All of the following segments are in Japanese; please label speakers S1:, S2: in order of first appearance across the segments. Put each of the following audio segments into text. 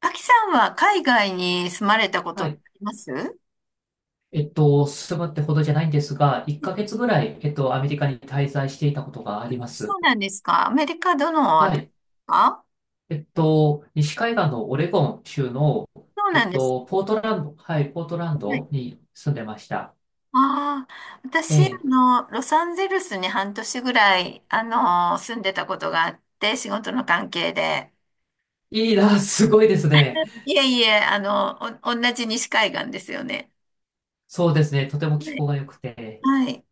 S1: アキさんは海外に住まれたこ
S2: は
S1: とって
S2: い。
S1: あります
S2: 住むってほどじゃないんですが、1
S1: い
S2: ヶ月ぐらい、アメリカに滞在していたことがあります。
S1: そうなんですか？アメリカどのあ
S2: は
S1: たりで
S2: い。
S1: すか？
S2: 西海岸のオレゴン州の、
S1: そうなんです。
S2: ポートランド、はい、ポートラン
S1: はい。
S2: ドに住んでました。
S1: ああ、
S2: え
S1: 私、
S2: え。
S1: ロサンゼルスに半年ぐらい、住んでたことがあって、仕事の関係で。
S2: いいな、すごいですね。
S1: いえいえ、同じ西海岸ですよね。
S2: そうですね。とても気
S1: はい。
S2: 候が良くて。
S1: はい。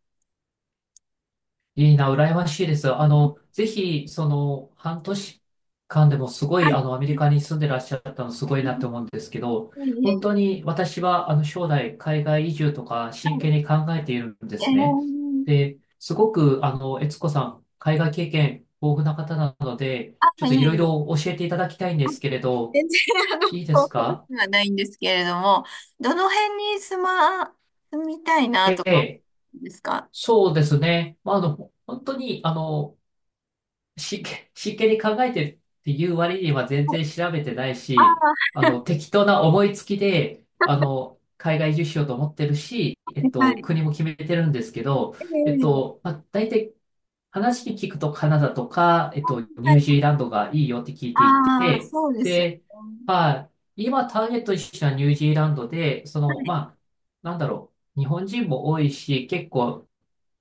S2: いいな、羨ましいです。ぜひ、半年間でもすごい、
S1: あ、
S2: アメリカに住んでらっしゃったのすごいなって思うんですけど、
S1: いえ
S2: 本
S1: い
S2: 当
S1: え。
S2: に私は、将来、海外移住とか、
S1: は
S2: 真
S1: い。
S2: 剣に考えているんで
S1: え
S2: すね。
S1: ー、
S2: で、すごく、悦子さん、海外経験豊富な方なので、ちょ
S1: あ、
S2: っと
S1: い
S2: い
S1: え
S2: ろい
S1: いえ。
S2: ろ教えていただきたいんですけれど、
S1: 全然、
S2: いいです
S1: 覚
S2: か？
S1: えはないんですけれども、どの辺に住みたいな
S2: え
S1: とか、
S2: え、
S1: ですか？
S2: そうですね。まあ、本当に、真剣に考えてるっていう割には全
S1: はい。
S2: 然調べてない
S1: あ
S2: し、
S1: ー、
S2: 適当な思いつきで、海外移住しようと思ってるし、
S1: はい。
S2: 国も決めてるんですけど、
S1: ええ。
S2: まあ、大体話聞くとカナダとか、ニ
S1: は
S2: ュー
S1: い。
S2: ジーランドがいいよって聞いてい
S1: ああ、
S2: て、
S1: そうですよ
S2: で、
S1: ね。
S2: まあ、今ターゲットにしたニュージーランドで、そ
S1: は
S2: の、
S1: い。
S2: まあ、なんだろう、日本人も多いし、結構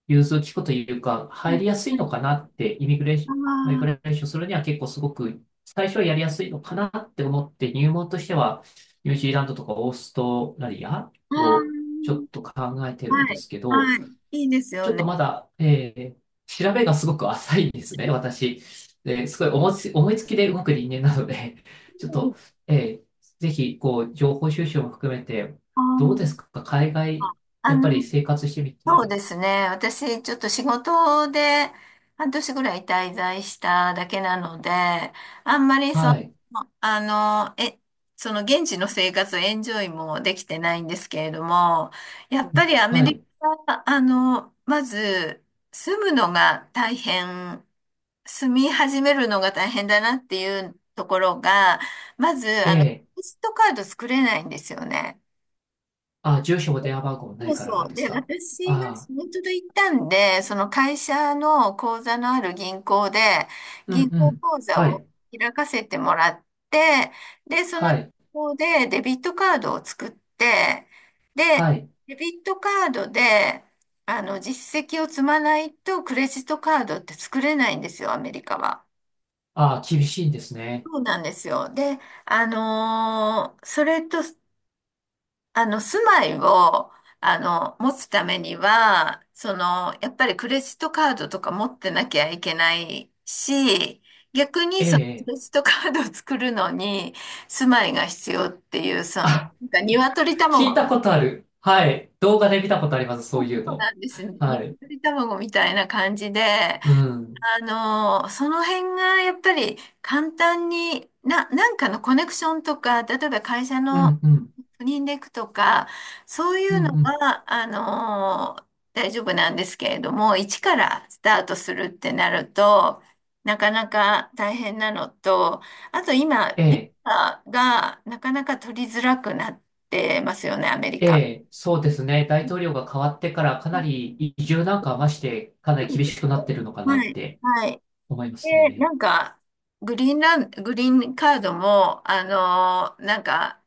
S2: 融通きくというか、
S1: は
S2: 入
S1: い。
S2: りやすい
S1: は
S2: の
S1: い。
S2: かなって、イミグレーション、マイグ
S1: あ
S2: レーションするには結構すごく、最初はやりやすいのかなって思って、入門としては、ニュージーランドとかオーストラリア
S1: あ、あ
S2: をちょっ
S1: あ、
S2: と考えてるん
S1: は
S2: で
S1: い。
S2: すけど、
S1: はい。いいです
S2: ち
S1: よ
S2: ょっ
S1: ね。
S2: とまだ、調べがすごく浅いんですね、私。で、すごい思いつきで動く人間なので、ちょっと、えーぜひ、こう、情報収集も含めて、
S1: あ
S2: どうですか、海
S1: あ、
S2: 外、
S1: あ
S2: やっぱり
S1: の、
S2: 生活してみ
S1: そう
S2: て、
S1: ですね。私、ちょっと仕事で半年ぐらい滞在しただけなので、あんまりその、
S2: はい。
S1: あの、え、その現地の生活をエンジョイもできてないんですけれども、や
S2: う
S1: っ
S2: ん、
S1: ぱりアメ
S2: はい。
S1: リカ、まず住むのが大変住み始めるのが大変だなっていうところが、まず、
S2: え
S1: ク
S2: え。
S1: レジットカード作れないんですよね。
S2: あ、住所も電話番号もな
S1: そ
S2: い
S1: う
S2: か
S1: そ
S2: ら
S1: う。
S2: です
S1: で、
S2: か。
S1: 私は
S2: ああ、
S1: 仕事で行ったんで、その会社の口座のある銀行で、
S2: うん
S1: 銀
S2: う
S1: 行
S2: ん。
S1: 口座
S2: は
S1: を
S2: い。
S1: 開かせてもらって、で、その
S2: は
S1: 銀
S2: い。
S1: 行でデビットカードを作って、で、
S2: はい。
S1: デビットカードで、実績を積まないとクレジットカードって作れないんですよ、アメリカは。
S2: ああ、厳しいんですね。
S1: そうなんですよ。で、それと住まいを、持つためには、その、やっぱりクレジットカードとか持ってなきゃいけないし、逆に
S2: え
S1: そのク
S2: え。
S1: レジットカードを作るのに、住まいが必要っていう、その、なん
S2: あ、
S1: か鶏
S2: 聞いた
S1: 卵、
S2: ことある。はい。動画で見たことあります。そういう
S1: そうな
S2: の。
S1: んですね。
S2: はい。
S1: 鶏卵みたいな感じで、
S2: う
S1: あ
S2: ん。
S1: その辺がやっぱり簡単に、なんかのコネクションとか、例えば会社
S2: う
S1: の
S2: んうん。
S1: スニンデクとか、そうい
S2: うん
S1: うの
S2: うん。
S1: は、大丈夫なんですけれども、一からスタートするってなると、なかなか大変なのと、あと今、
S2: え
S1: ビ
S2: え。
S1: ザがなかなか取りづらくなってますよね、アメリ
S2: え
S1: カ。
S2: え。そうですね。大統領が変わってからかなり移住なんかはまして、かなり厳しくなってるのかな
S1: は
S2: っ
S1: い、
S2: て
S1: はい。
S2: 思います
S1: で、な
S2: ね。
S1: んか、グリーンカードも、なんか、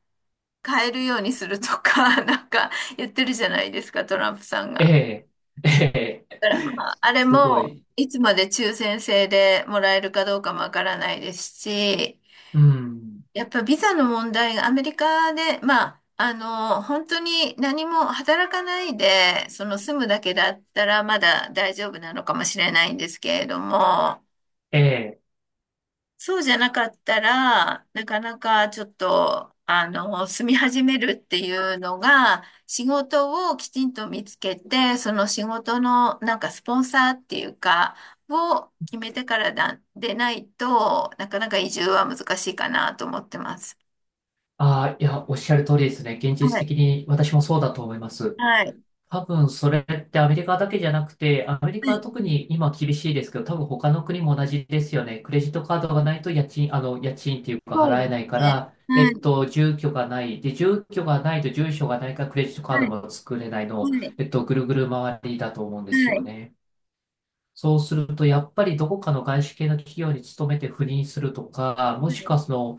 S1: 買えるようにするとか、なんか言ってるじゃないですか、トランプさん
S2: え
S1: が。
S2: え。え
S1: だから、
S2: え。
S1: まあ、あ れ
S2: すご
S1: も、
S2: い。
S1: いつまで抽選制でもらえるかどうかもわからないですし、
S2: うん。
S1: やっぱビザの問題がアメリカで、まあ、本当に何も働かないで、その住むだけだったらまだ大丈夫なのかもしれないんですけれども、
S2: ええ。
S1: そうじゃなかったら、なかなかちょっと、住み始めるっていうのが、仕事をきちんと見つけて、その仕事のなんかスポンサーっていうか、を決めてからだ、でないと、なかなか移住は難しいかなと思ってます。
S2: ああ、いや、おっしゃる通りですね。現実
S1: はい。
S2: 的に私もそうだと思います。
S1: はい。
S2: 多分それってアメリカだけじゃなくて、アメリ
S1: は
S2: カは
S1: い。
S2: 特に今厳しいですけど、多分他の国も同じですよね。クレジットカードがないと家賃、家賃っていうか
S1: そう
S2: 払
S1: で
S2: え
S1: す
S2: ないか
S1: ね。
S2: ら、
S1: はい。
S2: 住居がない。で、住居がないと住所がないからクレジットカー
S1: は
S2: ド
S1: い。
S2: も作れない
S1: は
S2: の、
S1: い。
S2: ぐるぐる回りだと思うんです
S1: は
S2: よ
S1: い。
S2: ね。そうすると、やっぱりどこかの外資系の企業に勤めて赴任するとか、も
S1: は
S2: しく
S1: い。
S2: はその、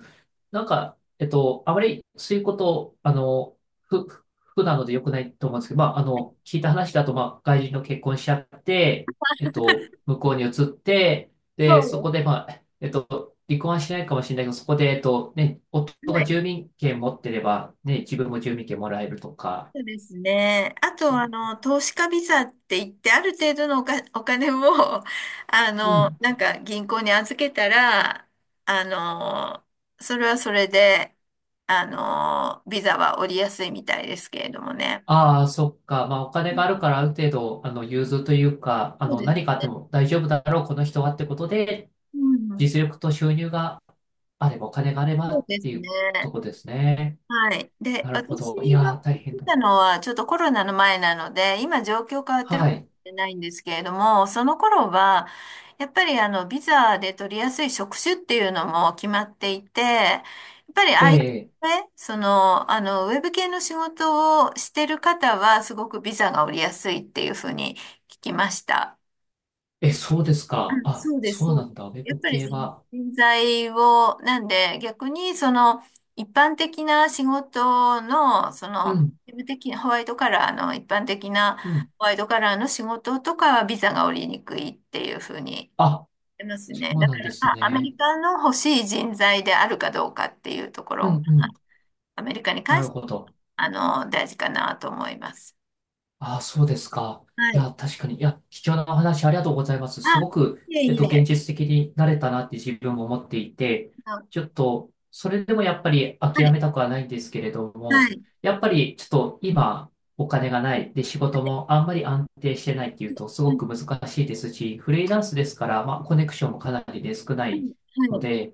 S2: なんか、あまりそういうこと、ふ、ふ不なので良くないと思うんですけど、まあ、聞いた話だと、まあ、外人の結婚しちゃって、向こうに移って、
S1: そ
S2: で、
S1: う
S2: そこ
S1: で
S2: で、まあ、離婚はしないかもしれないけど、そこで、ね、
S1: す。
S2: 夫
S1: は
S2: が
S1: い。
S2: 住民権持ってれば、ね、自分も住民権もらえるとか、
S1: そうですね。あ
S2: ですよ
S1: と、
S2: ね。
S1: 投資家ビザって言って、ある程度のお金を、
S2: うん。
S1: なんか銀行に預けたら、あの、それはそれで、ビザは降りやすいみたいですけれどもね。
S2: ああ、そっか。まあ、お
S1: う
S2: 金がある
S1: ん。
S2: から、ある程度、融通というか、
S1: そうで
S2: 何
S1: す。
S2: かあっても大丈夫だろう、この人はってことで、
S1: うん。
S2: 実力と収入があれば、お金があれば
S1: そう
S2: っ
S1: です
S2: てい
S1: ね。
S2: うとこですね。
S1: はい。で、
S2: なるほ
S1: 私
S2: ど。い
S1: が
S2: やー、
S1: 来
S2: 大変だ。
S1: たのは、ちょっとコロナの前なので、今状況変わってる
S2: は
S1: かもし
S2: い。
S1: れないんですけれども、その頃は、やっぱりビザで取りやすい職種っていうのも決まっていて、やっぱり
S2: ええ、
S1: IT ね、その、ウェブ系の仕事をしてる方は、すごくビザが降りやすいっていうふうに聞きました。
S2: え、そうです
S1: あ、
S2: か。あ、
S1: そうです、
S2: そう
S1: そう
S2: な
S1: で
S2: ん
S1: す。
S2: だ。ウェ
S1: やっ
S2: ブ
S1: ぱり
S2: 系は。
S1: 人材を、なんで逆にその一般的な仕事の、そ
S2: う
S1: の、
S2: ん、
S1: 事務的なホワイトカラーの一般的な
S2: うん。
S1: ホワイトカラーの仕事とかはビザが下りにくいっていうふうに
S2: あ、
S1: 言います
S2: そ
S1: ね。
S2: う
S1: だか
S2: なんで
S1: ら、
S2: す
S1: まあ、アメ
S2: ね。
S1: リカの欲しい人材であるかどうかっていうとこ
S2: う
S1: ろ、
S2: ん、うん。
S1: アメリカに
S2: な
S1: 関
S2: る
S1: して、
S2: ほど。
S1: あ大事かなと思います。
S2: ああ、そうですか。
S1: は
S2: い
S1: い。
S2: や、確かに。いや、貴重なお話ありがとうございます。
S1: あ、
S2: すごく、
S1: いえい
S2: 現
S1: え。
S2: 実的になれたなって自分も思っていて、ち
S1: あ、
S2: ょっと、それでもやっぱり
S1: は
S2: 諦
S1: い。
S2: めたくはないんですけれど
S1: は
S2: も、
S1: い。
S2: やっぱりちょっと今、お金がない。で、仕事もあんまり安定してないっていうと、す
S1: は
S2: ご
S1: い。
S2: く難しいですし、フリーランスですから、まあ、コネクションもかなりで少な
S1: は
S2: い
S1: い。は
S2: の
S1: い。
S2: で、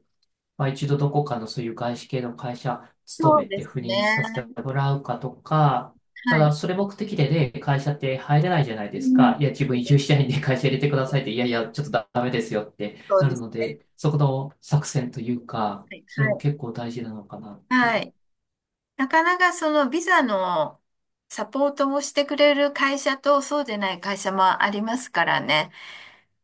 S2: まあ、一度どこかのそういう外資系の会社勤
S1: そ
S2: め
S1: うで
S2: て
S1: す
S2: 赴任
S1: ね。
S2: させてもらうかとか、た
S1: は
S2: だ
S1: い。
S2: それ目的でね、会社って入れないじゃないで
S1: う
S2: す
S1: ん。
S2: か。いや、自分
S1: そう
S2: 移
S1: です。
S2: 住したいんで会社入れてく
S1: そう
S2: だ
S1: で
S2: さ
S1: す
S2: いって、いやい
S1: ね。
S2: や、ちょっとダメですよって
S1: そう
S2: な
S1: で
S2: る
S1: す
S2: の
S1: ね。
S2: で、そこの作戦というか、
S1: はい。
S2: それも結構大事なのかなっ
S1: は
S2: て。
S1: い。はい。なかなかそのビザのサポートをしてくれる会社とそうでない会社もありますからね。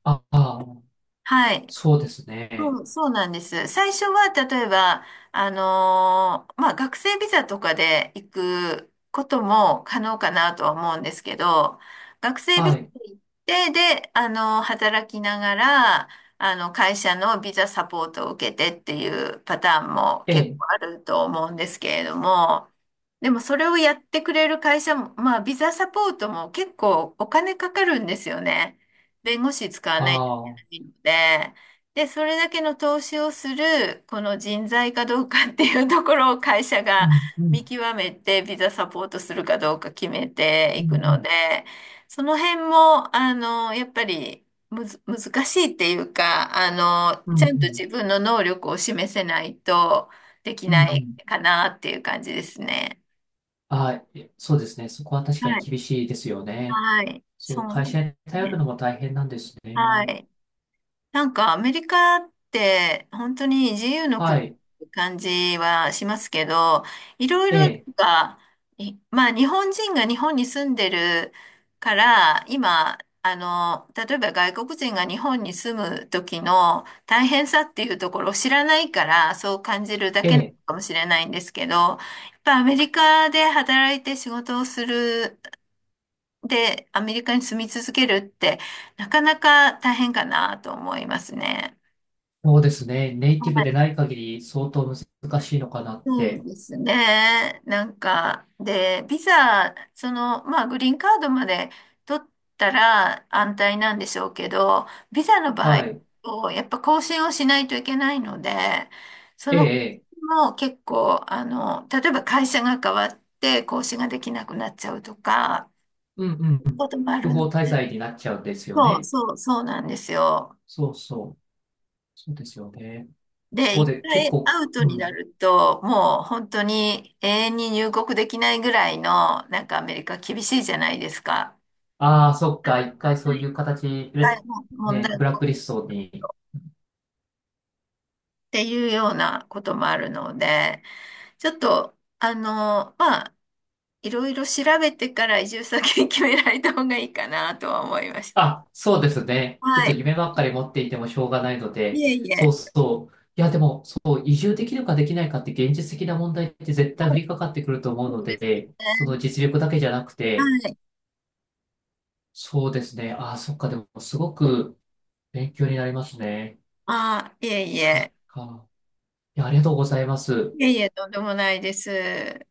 S2: ああ、
S1: はい。
S2: そうです
S1: そ
S2: ね。
S1: う、そうなんです。最初は、例えば、まあ、学生ビザとかで行くことも可能かなとは思うんですけど、学生ビ
S2: は
S1: ザ
S2: い。
S1: で行って、で、働きながら、会社のビザサポートを受けてっていうパターンも
S2: え
S1: 結
S2: え、
S1: 構あると思うんですけれども、でもそれをやってくれる会社も、まあ、ビザサポートも結構お金かかるんですよね。弁護士使わないと
S2: ああ、
S1: いけないので。で、それだけの投資をする、この人材かどうかっていうところを会社
S2: う
S1: が
S2: ん、う ん、
S1: 見極めて、ビザサポートするかどうか決めて
S2: う
S1: いくの
S2: ん、
S1: で、その辺も、やっぱりむず、難しいっていうか、
S2: うん、う
S1: ちゃ
S2: ん、
S1: ん
S2: う
S1: と自
S2: ん、
S1: 分の能力を示せないとでき
S2: うん。う
S1: ない
S2: ん、
S1: かなっていう感じですね。
S2: はい。そうですね。そこは確かに
S1: はい。
S2: 厳しいですよね。
S1: はい。
S2: そ
S1: そ
S2: の
S1: うなん
S2: 会
S1: で
S2: 社に
S1: す
S2: 頼る
S1: ね。
S2: のも大変なんです
S1: は
S2: ね。
S1: い。なんかアメリカって本当に自由の国
S2: は
S1: っ
S2: い。
S1: て感じはしますけど、いろい
S2: え
S1: ろな
S2: え、
S1: んか、まあ日本人が日本に住んでるから、今、例えば外国人が日本に住む時の大変さっていうところを知らないから、そう感じるだ
S2: え
S1: けなの
S2: え、
S1: かもしれないんですけど、やっぱアメリカで働いて仕事をする、で、アメリカに住み続けるって、なかなか大変かなと思いますね。
S2: そうですね。ネイ
S1: は
S2: ティブで
S1: い、
S2: ない限り相当難しいのかなっ
S1: そう
S2: て。
S1: ですね。なんか、で、ビザ、その、まあ、グリーンカードまで取ったら安泰なんでしょうけど、ビザの場合
S2: はい。
S1: と、やっぱ更新をしないといけないので、そ
S2: え
S1: の更
S2: え、ええ、
S1: 新も結構、例えば会社が変わって更新ができなくなっちゃうとか、
S2: うんうんうん。
S1: こともあ
S2: 不
S1: るの。
S2: 法滞在になっちゃうんですよ
S1: そう
S2: ね。
S1: そう、そうなんですよ。
S2: そうそう。そうですよね。
S1: で、
S2: そう
S1: 一
S2: で、結
S1: 回
S2: 構、
S1: アウト
S2: う
S1: にな
S2: ん。
S1: ると、もう本当に永遠に入国できないぐらいの、なんかアメリカ厳しいじゃないですか。
S2: ああ、そっか。一回そう
S1: は
S2: い
S1: い。
S2: う形
S1: はい。
S2: で、
S1: 問
S2: ね、
S1: 題
S2: ブ
S1: っ
S2: ラックリストに、
S1: ていうようなこともあるので、ちょっと、まあ、いろいろ調べてから移住先 決められた方がいいかなとは思いました。
S2: あ、そうですね。ちょっ
S1: は
S2: と
S1: い。
S2: 夢ばっかり持っていてもしょうがないの
S1: い
S2: で、
S1: えい
S2: そう
S1: え。
S2: そう。いや、でも、そう、移住できるかできないかって現実的な問題って絶対降
S1: はい。
S2: りかかってくると思う
S1: そ
S2: の
S1: うですね。
S2: で、その実力だけじゃなくて、
S1: はい。
S2: そうですね。あ、そっか。でも、すごく勉強になりますね。
S1: あ、いえい
S2: そっ
S1: え。
S2: か。いや、ありがとうございます。
S1: いえいえ、とんでもないです。